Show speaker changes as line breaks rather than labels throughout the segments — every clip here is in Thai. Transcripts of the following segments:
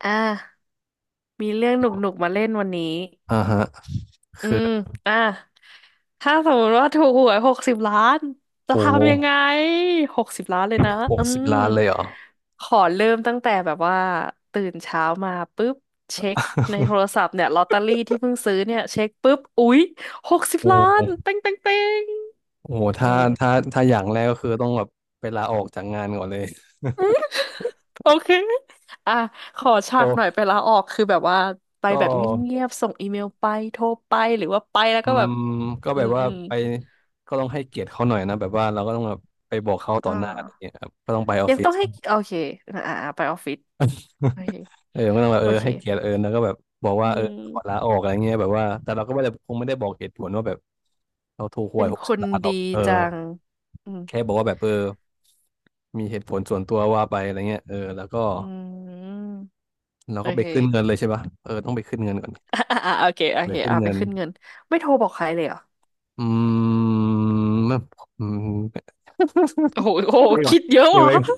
อ่ามีเรื่องหนุกๆมาเล่นวันนี้
อ่าฮะ
อืมอ่าถ้าสมมติว่าถูกหวยหกสิบล้านจะ
โอ้
ทำยังไงหกสิบล้านเลยนะ
ห
อื
กสิบ
ม
ล้านเลยเหรอ
ขอเริ่มตั้งแต่แบบว่าตื่นเช้ามาปุ๊บเช็คในโทรศัพท์เนี่ยลอตเตอรี่ที่เพิ่งซื้อเนี่ยเช็คปุ๊บอุ๊ยหกสิบ
โอ้
ล้านเป้งเป้งเป้ง
โห
อื
ถ้า
ม
ถ้าถ้าอย่างแรกก็คือต้องแบบไปลาออกจากงานก่อนเลย
โอเค อ่ะ ขอ ฉา
ก็
กหน่อยไปลาออก คือแบบว่าไป
ก็
แบบเงียบๆส่งอีเมลไป โทรไป หรือว่าไปแล้ว
อื
ก็แบบ
มก็
อื
แบบว่า
ม
ไปก็ต้องให้เกียรติเขาหน่อยนะแบบว่าเราก็ต้องแบบไปบอกเขาต่
อ่
อหน้าอะไร
า
เงี้ยครับก็ต้องไปออฟ
ยัง
ฟิศ
ต้องให้ โอเคไปออฟฟิศโอเค
เออก็ต้องแบบ
โอ
เออ
เค
ให้เกียรติเออแล้วก็แบบบอก
อื
ว่าเออขอลา
ม
ออกอะไรเงี้ยแบบว่าแต่เราก็ไม่ได้คงไม่ได้บอกเหตุผลว่าแบบเราถูกห
เป็
วย
น
ห
ค
กสิบ
น
ล้านหร
ดี
อกเออ
จัง อืม
แค่บอกว่าแบบเออมีเหตุผลส่วนตัวว่าไปอะไรเงี้ยเออแล้วก็
อืม
แล้ว
โอ
ก็ไป
เค
ขึ้นเงินเลยใช่ปะเออ ต้องไปขึ้นเงินก่อน
โอเคโอ
ไป
เค
ขึ้น
ไป
เงิน
ขึ้นเงินไม่โทรบอกใครเลยเหรอ
อืม ไม่อืม
โอ้โหโอ้
เก็บ
โห
ไว้ก่อน
คิดเยอะ
เก็บ
ว่ะ
ไว้ ก่อน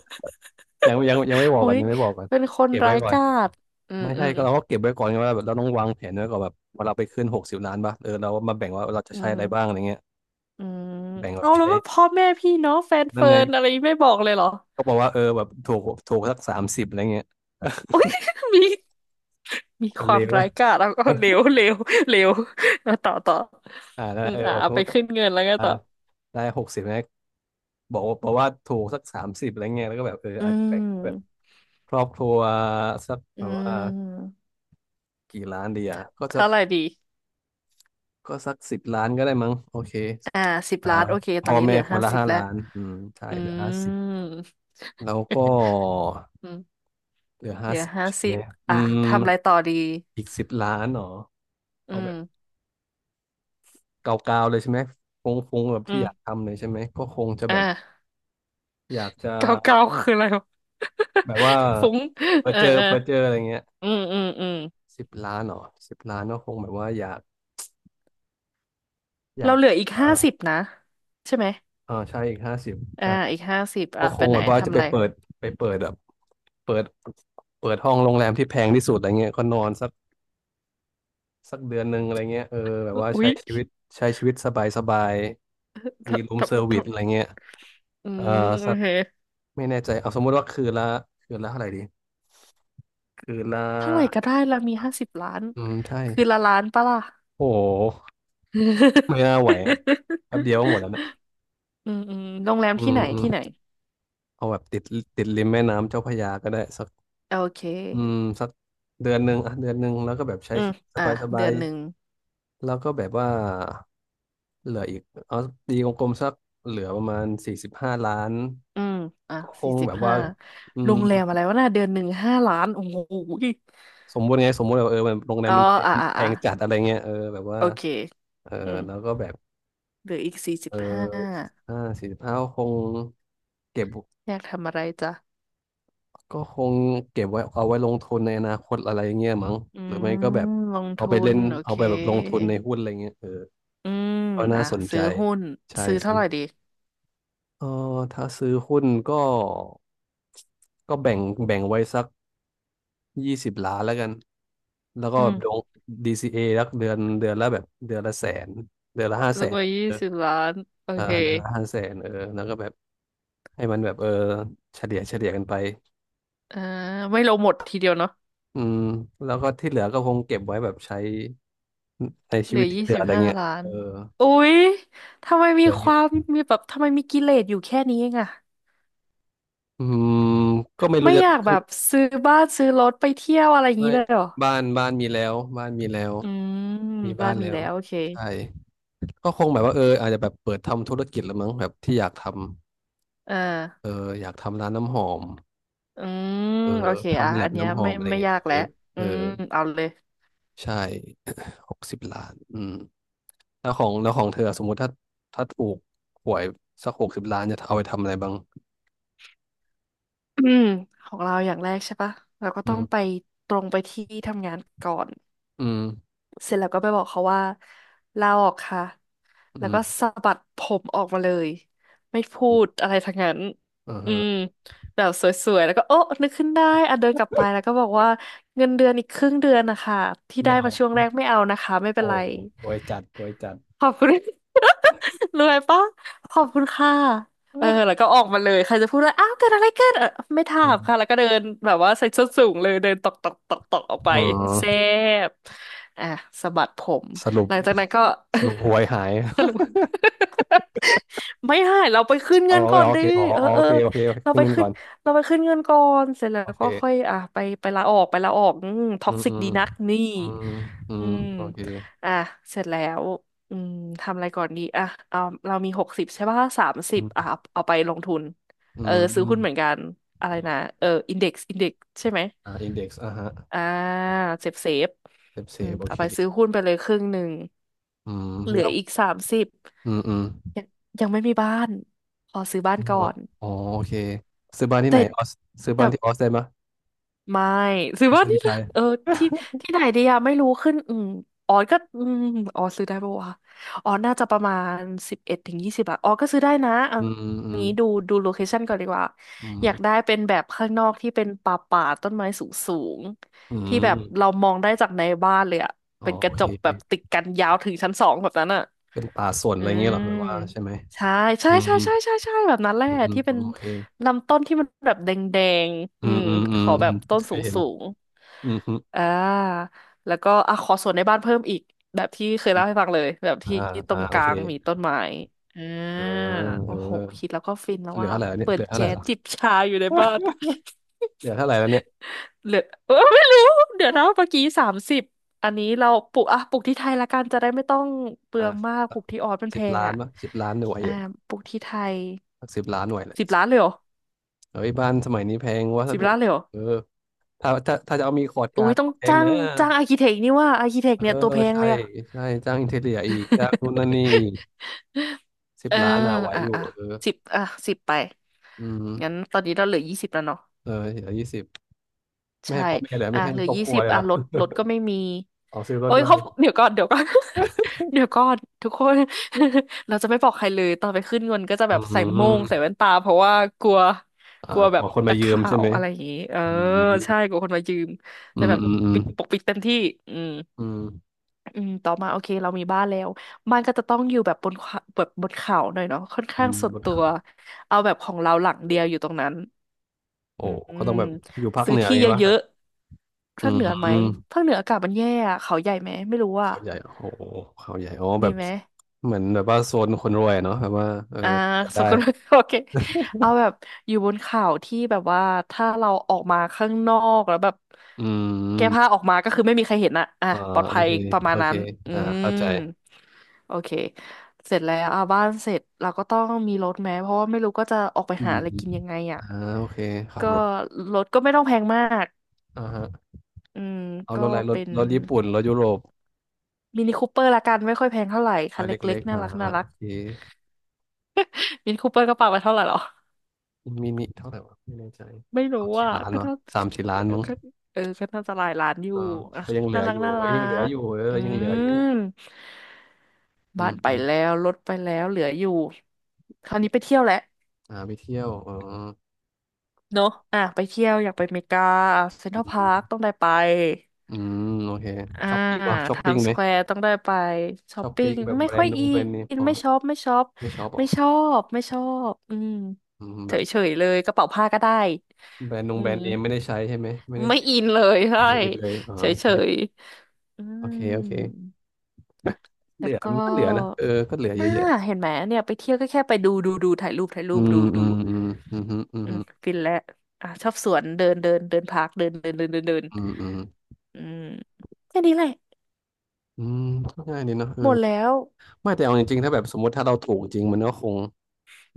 ยังไม่บอก
โอ้
ก่อน
ย
ยังไม่บอกก่อน
เป็นคน
เก็บ
ร้า
ไว้
ย
ก่อน
กาจอืม
ไม่
อื
ใช่
ม
ก็เราเก็บไว้ก่อนไงว่าแบบเราต้องวางแผนไว้ก่อนแบบว่าเราไปขึ้นหกสิบล้านป่ะเออเรามาแบ่งว่าเราจะ
อื
ใช้
ม
อะไรบ้างอะไรเงี้ย
อืม
แบ่งแบบ
เอาแล้ว
ใช้
ว่าพ่อแม่พี่น้องแฟน
นั่น
เฟิ
ไง
ร์นอะไรไม่บอกเลยเหรอ
ก็บอกว่าเออแบบถูกสักสามสิบอะไรเงี้ย
อุ๊ย มีมี
ค
ค
นเล
วาม
ว
ร้า
อะ
ยกาจแล้วก็เลว เลวเลวเอาต่อต่อ
อ่านั่น
อื
แหละ
ม
เออแบบ
เอา
พู
ไป
ด
ขึ้นเงินแล้วไง
อ่า
ต่อ
ได้หกสิบนะบอกว่าถูกสักสามสิบอะไรเงี้ยแล้วก็แบบเออ
อื
อาจจะแบ่ง
ม
ครอบครัวสัก
อื
แบบว่า
ม
กี่ล้านดีอ่ะก็สัก
เท่าไหร่ดี
สิบล้านก็ได้มั้งโอเค
อ่าสิบ
อ่า
ล้านโอเคตอ
พ่อ
นนี้เห
แม่
ลือ
คน
ห้า
ละ
สิบ
ห้า
แล้ว
ล้านอืมใช่
อื
เหลือห้าสิบ
ม
แล้วก็
อืม
เหลือ
เห
ห้า
ลือ
สิบ
ห้า
ใช่
สิ
ไหม
บ
อื
อ่ะ
ม
ทำอะไรต่อดี
อีกสิบล้านเหรอ
อื
เอาแบ
ม
บเกาๆเลยใช่ไหมฟงฟงแบบ
อื
ที่อยาก
ม
ทำเลยใช่ไหมก็คงจะแบ
อ่า
บอยากจะ
เก้าเก้าคืออะไรวะ
แบบว่า
ฟุ้งเออเออ
เผื่อเจออะไรเงี้ย
อืมอืมอืม
สิบล้านเหรอสิบล้านก็คงแบบว่าอยากอ
เรา
ยาก
เหลืออีก
เออ
50นะใช่ไหม
เออใช่อีกห้าสิบ
อ่า
ใช่
อีกห้าสิบ
ก็
อ่ะ
ค
ไป
ง
ไหน
แบบว่าจะ
ทำอะ
ไป
ไร
เปิดไปเปิดแบบเปิดเปิดห้องโรงแรมที่แพงที่สุดอะไรเงี้ยก็นอนสักเดือนหนึ่งอะไรเงี้ยเออแบบว่า
อุ๊ย
ใช้ชีวิตสบายสบายมี
ทำ
รูม
ท
เซอร์
ำท
วิสอะไรเงี้ย
ำอื
เออ
มโอ
สัก
เค
ไม่แน่ใจเอาสมมุติว่าคืนละเท่าไหร่ดีคืนละ
เท่าไหร่ก็ได้เรามี50 ล้าน
อืมใช่
คือละล้านปะล่ะ
โอ้โห
อ
ไม่
ื
น่าไหวอะแป๊บเดียวก็หมดแล้วนะ
มอืมโรงแรม
อื
ที่
ม
ไหน
อืม
ที่ไหน
เอาแบบติดริมแม่น้ำเจ้าพระยาก็ได้สัก
โอเค
อืมสักเดือนหนึ่งแล้วก็แบบใช้
อืม
ชีวิตส
อ่ะ
บายสบา
เดือ
ย
นหนึ่ง
แล้วก็แบบว่าเหลืออีกเอาตีกลมๆสักเหลือประมาณสี่สิบห้าล้าน
อืมอ่ะ
ก็ค
สี่
ง
สิ
แบ
บ
บว่า
ห้า
อื
โร
ม
งแรมอะไรวะน่ะเดือนหนึ่งห้าล้านโอ้โหย
สมมุติไงสมมติแบบเออมันโรงแรม
อ๋อ
มันแพง
อ่ะอ่ะ
แพ
อ่ะ
งจัดอะไรเงี้ยเออแบบว่า
โอเค
เออ
อืม
แล้วก็แบบ
เหลืออีกสี่สิ
เอ
บ
อ
ห้า
ห้าสี่สิบห้าคงเก็บ
อยากทำอะไรจ๊ะ
ก็คงเก็บไว้เอาไว้ลงทุนในอนาคตอะไรเงี้ยมั้ง
อื
หรือ
ม
ไม่ก็แบบ
ลง
เอา
ทุ
ไปเล่
น
น
โอ
เอา
เค
ไปแบบลงทุนในหุ้นอะไรเงี้ยเออ
อืม
ก็น่า
อ่ะ
สนใจ
ซื้อหุ้น
ใช่
ซื้อเท่า
ซื้
ไหร่
อ
ดี
เออถ้าซื้อหุ้นก็ก็แบ่งไว้สักยี่สิบล้านแล้วกันแล้วก็
อื
ล
ม
งดีซีเอรักเดือนละแสนเดือนละห้า
ซื้
แส
อ
น
มายี่
เออ
สิบล้านโอ
เออ
เค
เดือนละห้าแสนเออแล้วก็แบบให้มันแบบเออเฉลี่ยกันไป
อ่าไม่ลงหมดทีเดียวเนาะ
อืมแล้วก็ที่เหลือก็คงเก็บไว้แบบใช้ใช้
เห
ชี
ลื
วิ
อ
ตที่
ยี่
เหลื
สิ
อ
บ
อะไร
ห้า
เงี้ย
ล้า
เอ
น
อ
อุ๊ยทำไม
เห
มี
ลือ
ค
นิด
วามมีแบบทำไมมีกิเลสอยู่แค่นี้เองอะ
อืมก็ไม่รู้
ไม่
จะ
อยากแบ
คือ
บซื้อบ้านซื้อรถไปเที่ยวอะไรอย่างนี้
ไม่
เลยเหรอ
บ้านมีแล้วบ้านมีแล้ว
อืม
มี
บ้า
บ้า
น
น
มี
แล้ว
แล้วโอเค
ใช่ ก็คงแบบว่าเอออาจจะแบบเปิดทำธุรกิจละมั้งแบบที่อยากทำ
อ่า
เอออยากทำร้านน้ำหอม
อืม
เออ
โอเคอ่ะ
ทำแล
อั
บ
นเนี้ย
น้ำหอมอะไร
ไม่
เงี้ย
ยาก
เอ
แล้ว
อเอ
อื
อ
มเอาเลย
ใช่ หกสิบล้านอืมแล้วของเธอสมมุติถ้าถ้าถูกหวยสักหกสิบล้านจะเอาไปทำอะไรบ้าง
อืมของเราอย่างแรกใช่ปะเราก็
อื
ต้องไป
ม
ตรงไปที่ทำงานก่อน
อืม
เสร็จแล้วก็ไปบอกเขาว่าลาออกค่ะแล้ว
อื
ก็
ม
สะบัดผมออกมาเลยไม่พู
อืม
ดอะไรทั้งนั้น
อ่า
อืม
ฮะ
แบบสวยๆแล้วก็โอ๊ะนึกขึ้นได้อ่ะเดินกลับไปแล้วก็บอกว่าเงินเดือนอีกครึ่งเดือนนะคะที่
ไม่
ได้
เอา
มาช่วงแร
ไม่
กไม่เอานะคะไม่เป็
โอ้
นไร
รวยจัดรวยจัด
ขอบคุณ รวยปะขอบคุณค่ะเออ แล้วก็ออกมาเลย ใครจะพูดว่าอ้าวเกิดอะไรขึ้นเออไม่ถา
อื
มค่ะ แล้ว
ม
ก็เดินแบบว่าใส่ส้นสูงเลยเดินตอกตอกตอกตอกออกไป
อ๋อ
แซ่บอ่ะสะบัดผม
สรุป
หลังจากนั้นก็
สรุปหวยหาย
สรุป ไม่หาย เราไปขึ้น
เอา
เงินก่อน
เอาโอ
ดิ
เคอ๋อ
เออ
อ๋อ
เอ
โอ
อ
เคโอเคโอเค
เรา
ครึ่
ไป
งหนึง
ขึ้
ก่
น
อน
เราไปขึ้นเงินก่อนเสร็จแล้
โอ
วก็ค่อย
เค
อ่ะไปลาออกอืมท็
อื
อก
ม
ซิ
อื
ก
ม
ดีนักนี่
อืมอื
อื
ม
ม
โอเค
อ่ะเสร็จแล้ว อืมทำอะไรก่อนดีอ่ะเอาเรามีหกสิบใช่ป่ะสามสิ
อื
บอ่ะ
ม
เอาไปลงทุน
อื
เออซื้อหุ้นเหมือน
ม
กันอะไรนะเอออินเด็กซ์ใช่ไหม
อ่าอินเด็กซ์อ่ะฮะ
อ่าเซฟเซฟ
เซฟเซ
อืม
ฟโอ
เอา
เค
ไปซื้อหุ้นไปเลยครึ่งหนึ่ง
อืม
เหลื
แล้
อ
ว
อีกสามสิบ
อืมอืม
ยังยังไม่มีบ้านขอซื้อบ้านก่อ
เนาะ
น
อ๋อโอเคซื้อบ้านที่
แต่
ไหนออสซื้อ
แต่
บ้านที่ออสได้ไหมย
ไม่ซื้อ
ต้อง
ว่า
ซื้อ
นี่
ที่ไท
นะ
ย
เออที่ที่ไหนดีอะไม่รู้ขึ้นอืมอ๋อก็อืมอ๋อซื้อได้ปะวะอ๋อน่าจะประมาณ11ถึงยี่สิบอทอ๋อก็ซื้อได้นะเอา
อืมอืมอืม
งี้ดูโลเคชั่นก่อนดีกว่าอยากได้เป็นแบบข้างนอกที่เป็นป่าป่าต้นไม้สูงสูง
อื
ที่แบบเรา
ม
มองได้จากในบ้านเลยอะ
อ๋อ
เป็นก
โอ
ระจ
เค
กแบบติดกันยาวถึงชั้นสองแบบนั้นอะ
เป็นป่าสน
อื
อะไรเงี้ย
ม
เหรอแบบว่าใช่ไหม
ใช่ใช่
อื
ใช่
ม
ใช่ใช่ใช่แบบนั้นแหละ
อืมอืม
ที่เป็น
โอเค
ลำต้นที่มันแบบแดงๆ
อื
อื
ม
ม
อืมอื
ข
ม
อ
อื
แบ
ม
บต้น
เค
ส
ยเห็น
ูง
อืมอืม
ๆอ่าแล้วก็อ่ะขอสวนในบ้านเพิ่มอีกแบบที่เคย
อม
เล่าให้ฟังเลยแบบที่
อ่า
ตร
อ่า
งก
โอ
ลา
เค
งมีต้นไม้อ่า
อ่าเอ
โอ้โหคิ
อ
ดแล้วก็ฟินแล้ว
เหลือ
ว่า
เท่าไหร่แล้วเนี่ย
เปิ
เห
ด
ลือเท่าไห
แจ๊
ร่
ส
ละ
จิบชาอยู่ในบ้าน
เหลือเท่าไหร่แล้วเนี่ย
เหลือเออไม่รู้เดี๋ยวนะเมื่อกี้สามสิบอันนี้เราปลูกอ่ะปลูกที่ไทยละกันจะได้ไม่ต้องเปลืองมา
อ่า
กปลูกที่ออสมันแพ
สิบ
ง
ล้าน
อ่ะ
ป่ะสิบล้านหน่วย
อ่า
เยอะ
ปลูกที่ไทย
สิบล้านหน่วยเลย
สิบล้านเลยเหรอ
เฮ้ยบ้านสมัยนี้แพงวัส
สิบ
ดุ
ล้านเลยเหรอ
เออถ้าจะเอามีคอร์ด
อุ้
กา
ย
ร์ด
ต้อง
ก็แพง
จ้าง
นะ
จ้างอาร์คิเทคนี่ว่าอาร์คิเทค
เออ
เนี่ยตัวแพง
ใช่
เลยอะ
ใช่จ้างอินเทเรียอีกจ้างนู่นนั่นนี่อีก สิบ
เออ
ล้านอ่ะไหว
อ่ะ
อยู่
อ่ะ
เออ
สิบอ่ะสิบไป
อืม
งั้นตอนนี้เราเหลือยี่สิบแล้วเนาะ
เออเหลือ20ไม่
ใช่
ให้พ่อแม่เหลือ
อ่ะ
ไม่ให้
เหลือ
ครอบ
ยี่
ครัว
สิบ
เลยเห
อ่ะ
รอ
รถร ถก็ไม่มี
เอาซื้อรถ
โอ้ย
ด้ว
เขา
ย
เดี๋ยวก่อน เดี๋ยวก่อนทุกคน เราจะไม่บอกใครเลยตอนไปขึ้นเงินก็จะ
อื
แบบใส่โม่งใส่
ม
แว่นตาเพราะว่ากลัว
อ่า
กลัว
ข
แบ
อ
บ
คนมา
นัก
ยืม
ข่า
ใช่
ว
ไหม
อะไรอย่างงี้เออ
อืม
ใช่กลัวคนมายืม
อื
จะ
ม
แบบ
อืมอืม
ปิดปกปิดเต็มที่อืม
อืม
อืม ต่อมาโอเคเรามีบ้านแล้วบ้านก็จะต้องอยู่แบบบนเขาแบบบนเขาหน่อยเนาะค่อน
อื
ข้าง
ม
ส่ว
บ
น
น
ตัว
เขา
เอาแบบของเราหลังเดียวอยู่ตรงนั้น
โอ้
อื
เขาต้
ม
องแบบอยู่ภาค
ซื้
เห
อ
นืออ
ที่
ย่าง
เย
งี้ป่ะแบบ
อะๆ
อื
ภาคเหนือไหม
ม
ภาคเหนืออากาศมันแย่อะเขาใหญ่ไหม ไม่รู้อ่ะ
เขาใหญ่โอ้โหเขาใหญ่อ๋อแบ
ดี
บ
ไหม
เหมือนแบบว่าโซนคนรวยเนาะแบบว่าเออ
อ่า
จะ
ส
ได้
กุล โอเคเอาแบบอยู่บนเขาที่แบบว่าถ้าเราออกมาข้างนอกแล้วแบบ
อื
แก้ผ้าอ
ม
อกมาก็คือไม่มีใครเห็นอะอ่ะ
อ่า
ปลอด
โอ
ภัย
เค
ประมา
โอ
ณ
เค
นั้นอื
อ่า
ม
เข้าใจ
โอเคเสร็จแล้วอ่ะบ้านเสร็จเราก็ต้องมีรถแม้เพราะว่าไม่รู้ก็จะออกไป
อื
หา
ม
อะไรกินยังไงอ่ะ
อ่าโอเคขับ
ก็
รถ
รถก็ไม่ต้องแพงมาก
อ่าฮะ
อืม
เอาร
ก็
ถอะไรรถ
เป็น
รถญี่ปุ่นรถยุโรป
มินิคูเปอร์ละกันไม่ค่อยแพงเท่าไหร่
ร
คัน
ถเ
เล็
ล็
ก
ก
ๆ
ๆ
น่ารักน่า
อ่า
รั
โอ
ก
เค
มินิคูเปอร์กระเป๋าไปเท่าไหร่หรอ
มินิเท่าไหร่วะไม่แน่ใจ
ไม่รู้
สามสี่
อ่ะ
ล้าน
ก็
วะ
น่า
สามสี่ล้านมั้ง
ก็เออก็น่าจะหลายล้านอยู่
เออ
อ่ะ
ก็ยังเหลื
น่า
อ
รั
อ
ก
ยู่
น่า
เอ้ย
รั
ยังเหลือ
ก
อยู่เอ
อื
อยังเหลืออยู่
ม
อื
บ้า
ม
นไป
อม
แล้วรถไปแล้วเหลืออยู่คราวนี้ไปเที่ยวแหละ
อ่าไปเที่ยวอ๋อ
เนอะอ่ะไปเที่ยวอยากไปอเมริกาเซ็นท
อื
รัลพาร์คต้อง
ม
ได้ไป
อืมโอเค
อ่า
ช้อปปิ้งวะช้อ
ไท
ปปิ้ง
ม์ส
ไหม
แควร์ต้องได้ไปช้
ช
อป
อบ
ปิ้
ปิ๊
ง
กแบบ
ไม่
แบร
ค่
น
อย
ด์นง
อิ
แบรนด์เนม
น
อ๋อ
ไม่
ไม่
ชอบไม่ชอบ
ไม่ชอบเหรอ
ไม่ชอบไม่ชอบอืม
อืม
เฉ
แบบ
ยๆเลยกระเป๋าผ้าก็ได้
แบรนด์นง
อื
แบรน
ม
ด์เนมไม่ได้ใช้ใช่ไหมไม่ได้
ไม่
ติด
อินเลยใช่
ไม่อิดเลยอ๋อโอเค
เฉย อื
โอเคโอเค
ม
เห
แล้
ลื
ว
อ
ก็
มันก็เหลือนะเออก็เหลือเย
อ่า
อะแยะ
เห็นไหมเนี่ยไปเที่ยวก็แค่ไปดูดูดูถ่ายรูปถ่ายรู
อื
ปดู
มอื
ดู
มอืมอืมอืมอื
อืม
ม
ฟินแล้วอ่ะชอบสวนเดินเดินเดินพาร์คเดินเดินเดินเดินเดิน
อืม
อืมแค่นี้แหละ
อืมก็ง่ายดีเนาะเออ
หมดแล้ว
ไม่แต่เอาจริงๆถ้าแบบสมมติถ้าเราถูกจริงมันก็คง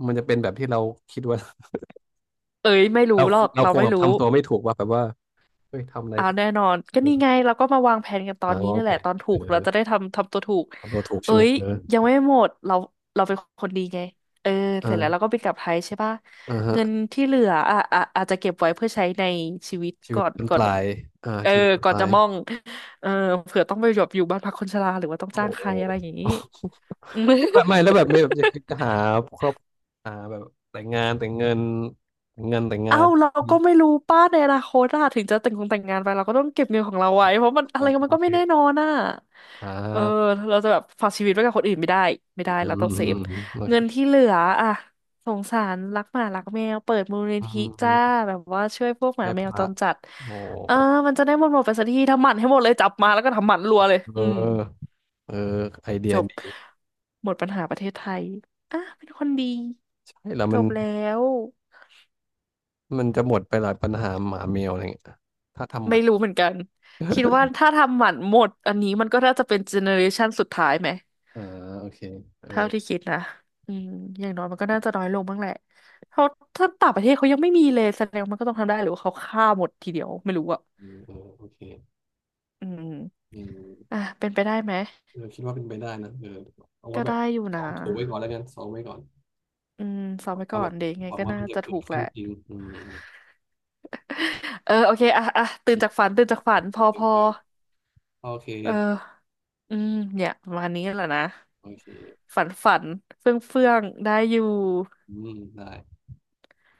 มันจะเป็นแบบที่เราคิดว่า
เอ้ยไม่ รู้
เรา
หรอก
เรา
เรา
คง
ไม่
แบบ
รู้
ทำตัวไม่ถูกว่าแบบว่าเฮ้ยทำอะไร
อ่า
ก็
แน่นอนก็
เออ
นี่ไงเราก็มาวางแผนกันตอ
หา
นนี้
วาง
นี่
แผ
แหละ
น
ตอนถู
เออ
กเราจะได้ทำทำตัวถูก
ทำตัวถูกใช่
เอ้
ไหม
ย
เออ
ยังไม่หมดเราเราเป็นคนดีไงเออเสร็จแล้วเราก็
อ่า
บินกลับไทยใช่ปะ
อ่า
เงิน
ฮะ
ที่เหลืออ่ะอ่ะอาจจะเก็บไว้เพื่อใช้ในชีวิต
ชีวิ
ก่
ต
อน
เป็น
ก่
ป
อน
ลายอ่า
เออ
ชีวิตเป็น
ก่อ
ป
น
ลา
จะ
ย
มองเออเผื่อต้องไปหยบอยู่บ้านพักคนชราหรือว่าต้อง
โอ้
จ้างใค
โห
รอะไรอย่างนี้ อืม
แบบไม่แล้วแบบไม่แบบจะคิดจะหาครอบหาแบบแต่งงานแต่งเงินแต่งเงินแต่งงา
เอ้า
น
เรา
นี่
ก็ไม่รู้ป้าในอนาคตอะถึงจะแต่งคงแต่งงานไปเราก็ต้องเก็บเงินของเราไว้เพราะมันอะ
อ่า
ไรมั
โอ
นก็
เค
ไม่แน่นอนอะ
อ่
เออ
า
เราจะแบบฝากชีวิตไว้กับคนอื่นไม่ได้ไม่ได้
อื
เรา
ม
ต้อง
อื
เซ
ม
ฟ
อืมโอเค
เงินที่เหลืออะสงสารรักหมารักแมวเปิดมูลนิ
อื
ธิ
มอื
จ้า
ม
แบบว่าช่วยพวกหมา
แม่
แม
พ
วจ
ระ
รจัด
โอ้
เออมันจะได้หมดหมดไปสักทีทำหมันให้หมดเลยจับมาแล้วก็ทำหมันรัวเลย
เออ
อืม
เออไอเดี
จ
ย
บ
ดี
หมดปัญหาประเทศไทยอ่ะเป็นคนดี
ใช่แล้ว
จ
มัน
บแล้ว
มันจะหมดไปหลายปัญหาหมาแมวอะไรเงี้ยถ้าทำมั
ไม่
น
รู้เหมือนกันคิดว่าถ้าทำหมันหมดอันนี้มันก็น่าจะเป็นเจเนอเรชันสุดท้ายไหม
อ่าโอเคเออ
เท่าที่คิดนะอืมอย่างน้อยมันก็น่าจะน้อยลงบ้างแหละเขาถ้าต่างประเทศเขายังไม่มีเลยแสดงว่ามันก็ต้องทำได้หรือว่าเขาฆ่าหมดทีเดียวไม่รู้อะ
อืมอืมโอเค
อืม
อื
อ่ะ
ม
เป็นไปได้ไหม
เออคิดว่าเป็นไปได้นะเออเอาไว้
ก็
แบ
ได้
บ
อยู่
ซ้อ
นะ
มถูไว้ก่อนแล้วกันซ้อมไว้ก่อน
อืมซ้อมไป
หวัง
ก่
ว่า
อ
แบ
น
บ
เดี๋ยวยังไง
หวัง
ก็
ว่า
น่า
มันจะ
จะ
เกิ
ถู
ด
กแห
ขึ้
ละ
นจริงอืม
เออโอเคอ่ะอ่ะตื่
อื
น
ม
จากฝันตื่นจากฝั
ตื่
นพอพ
น
อ
ตื่นโอเค
เอออืมเนี่ยประมาณนี้แหละนะ
โอเค
ฝันฝันเฟื่องเฟื่องได้อยู่
อืมได้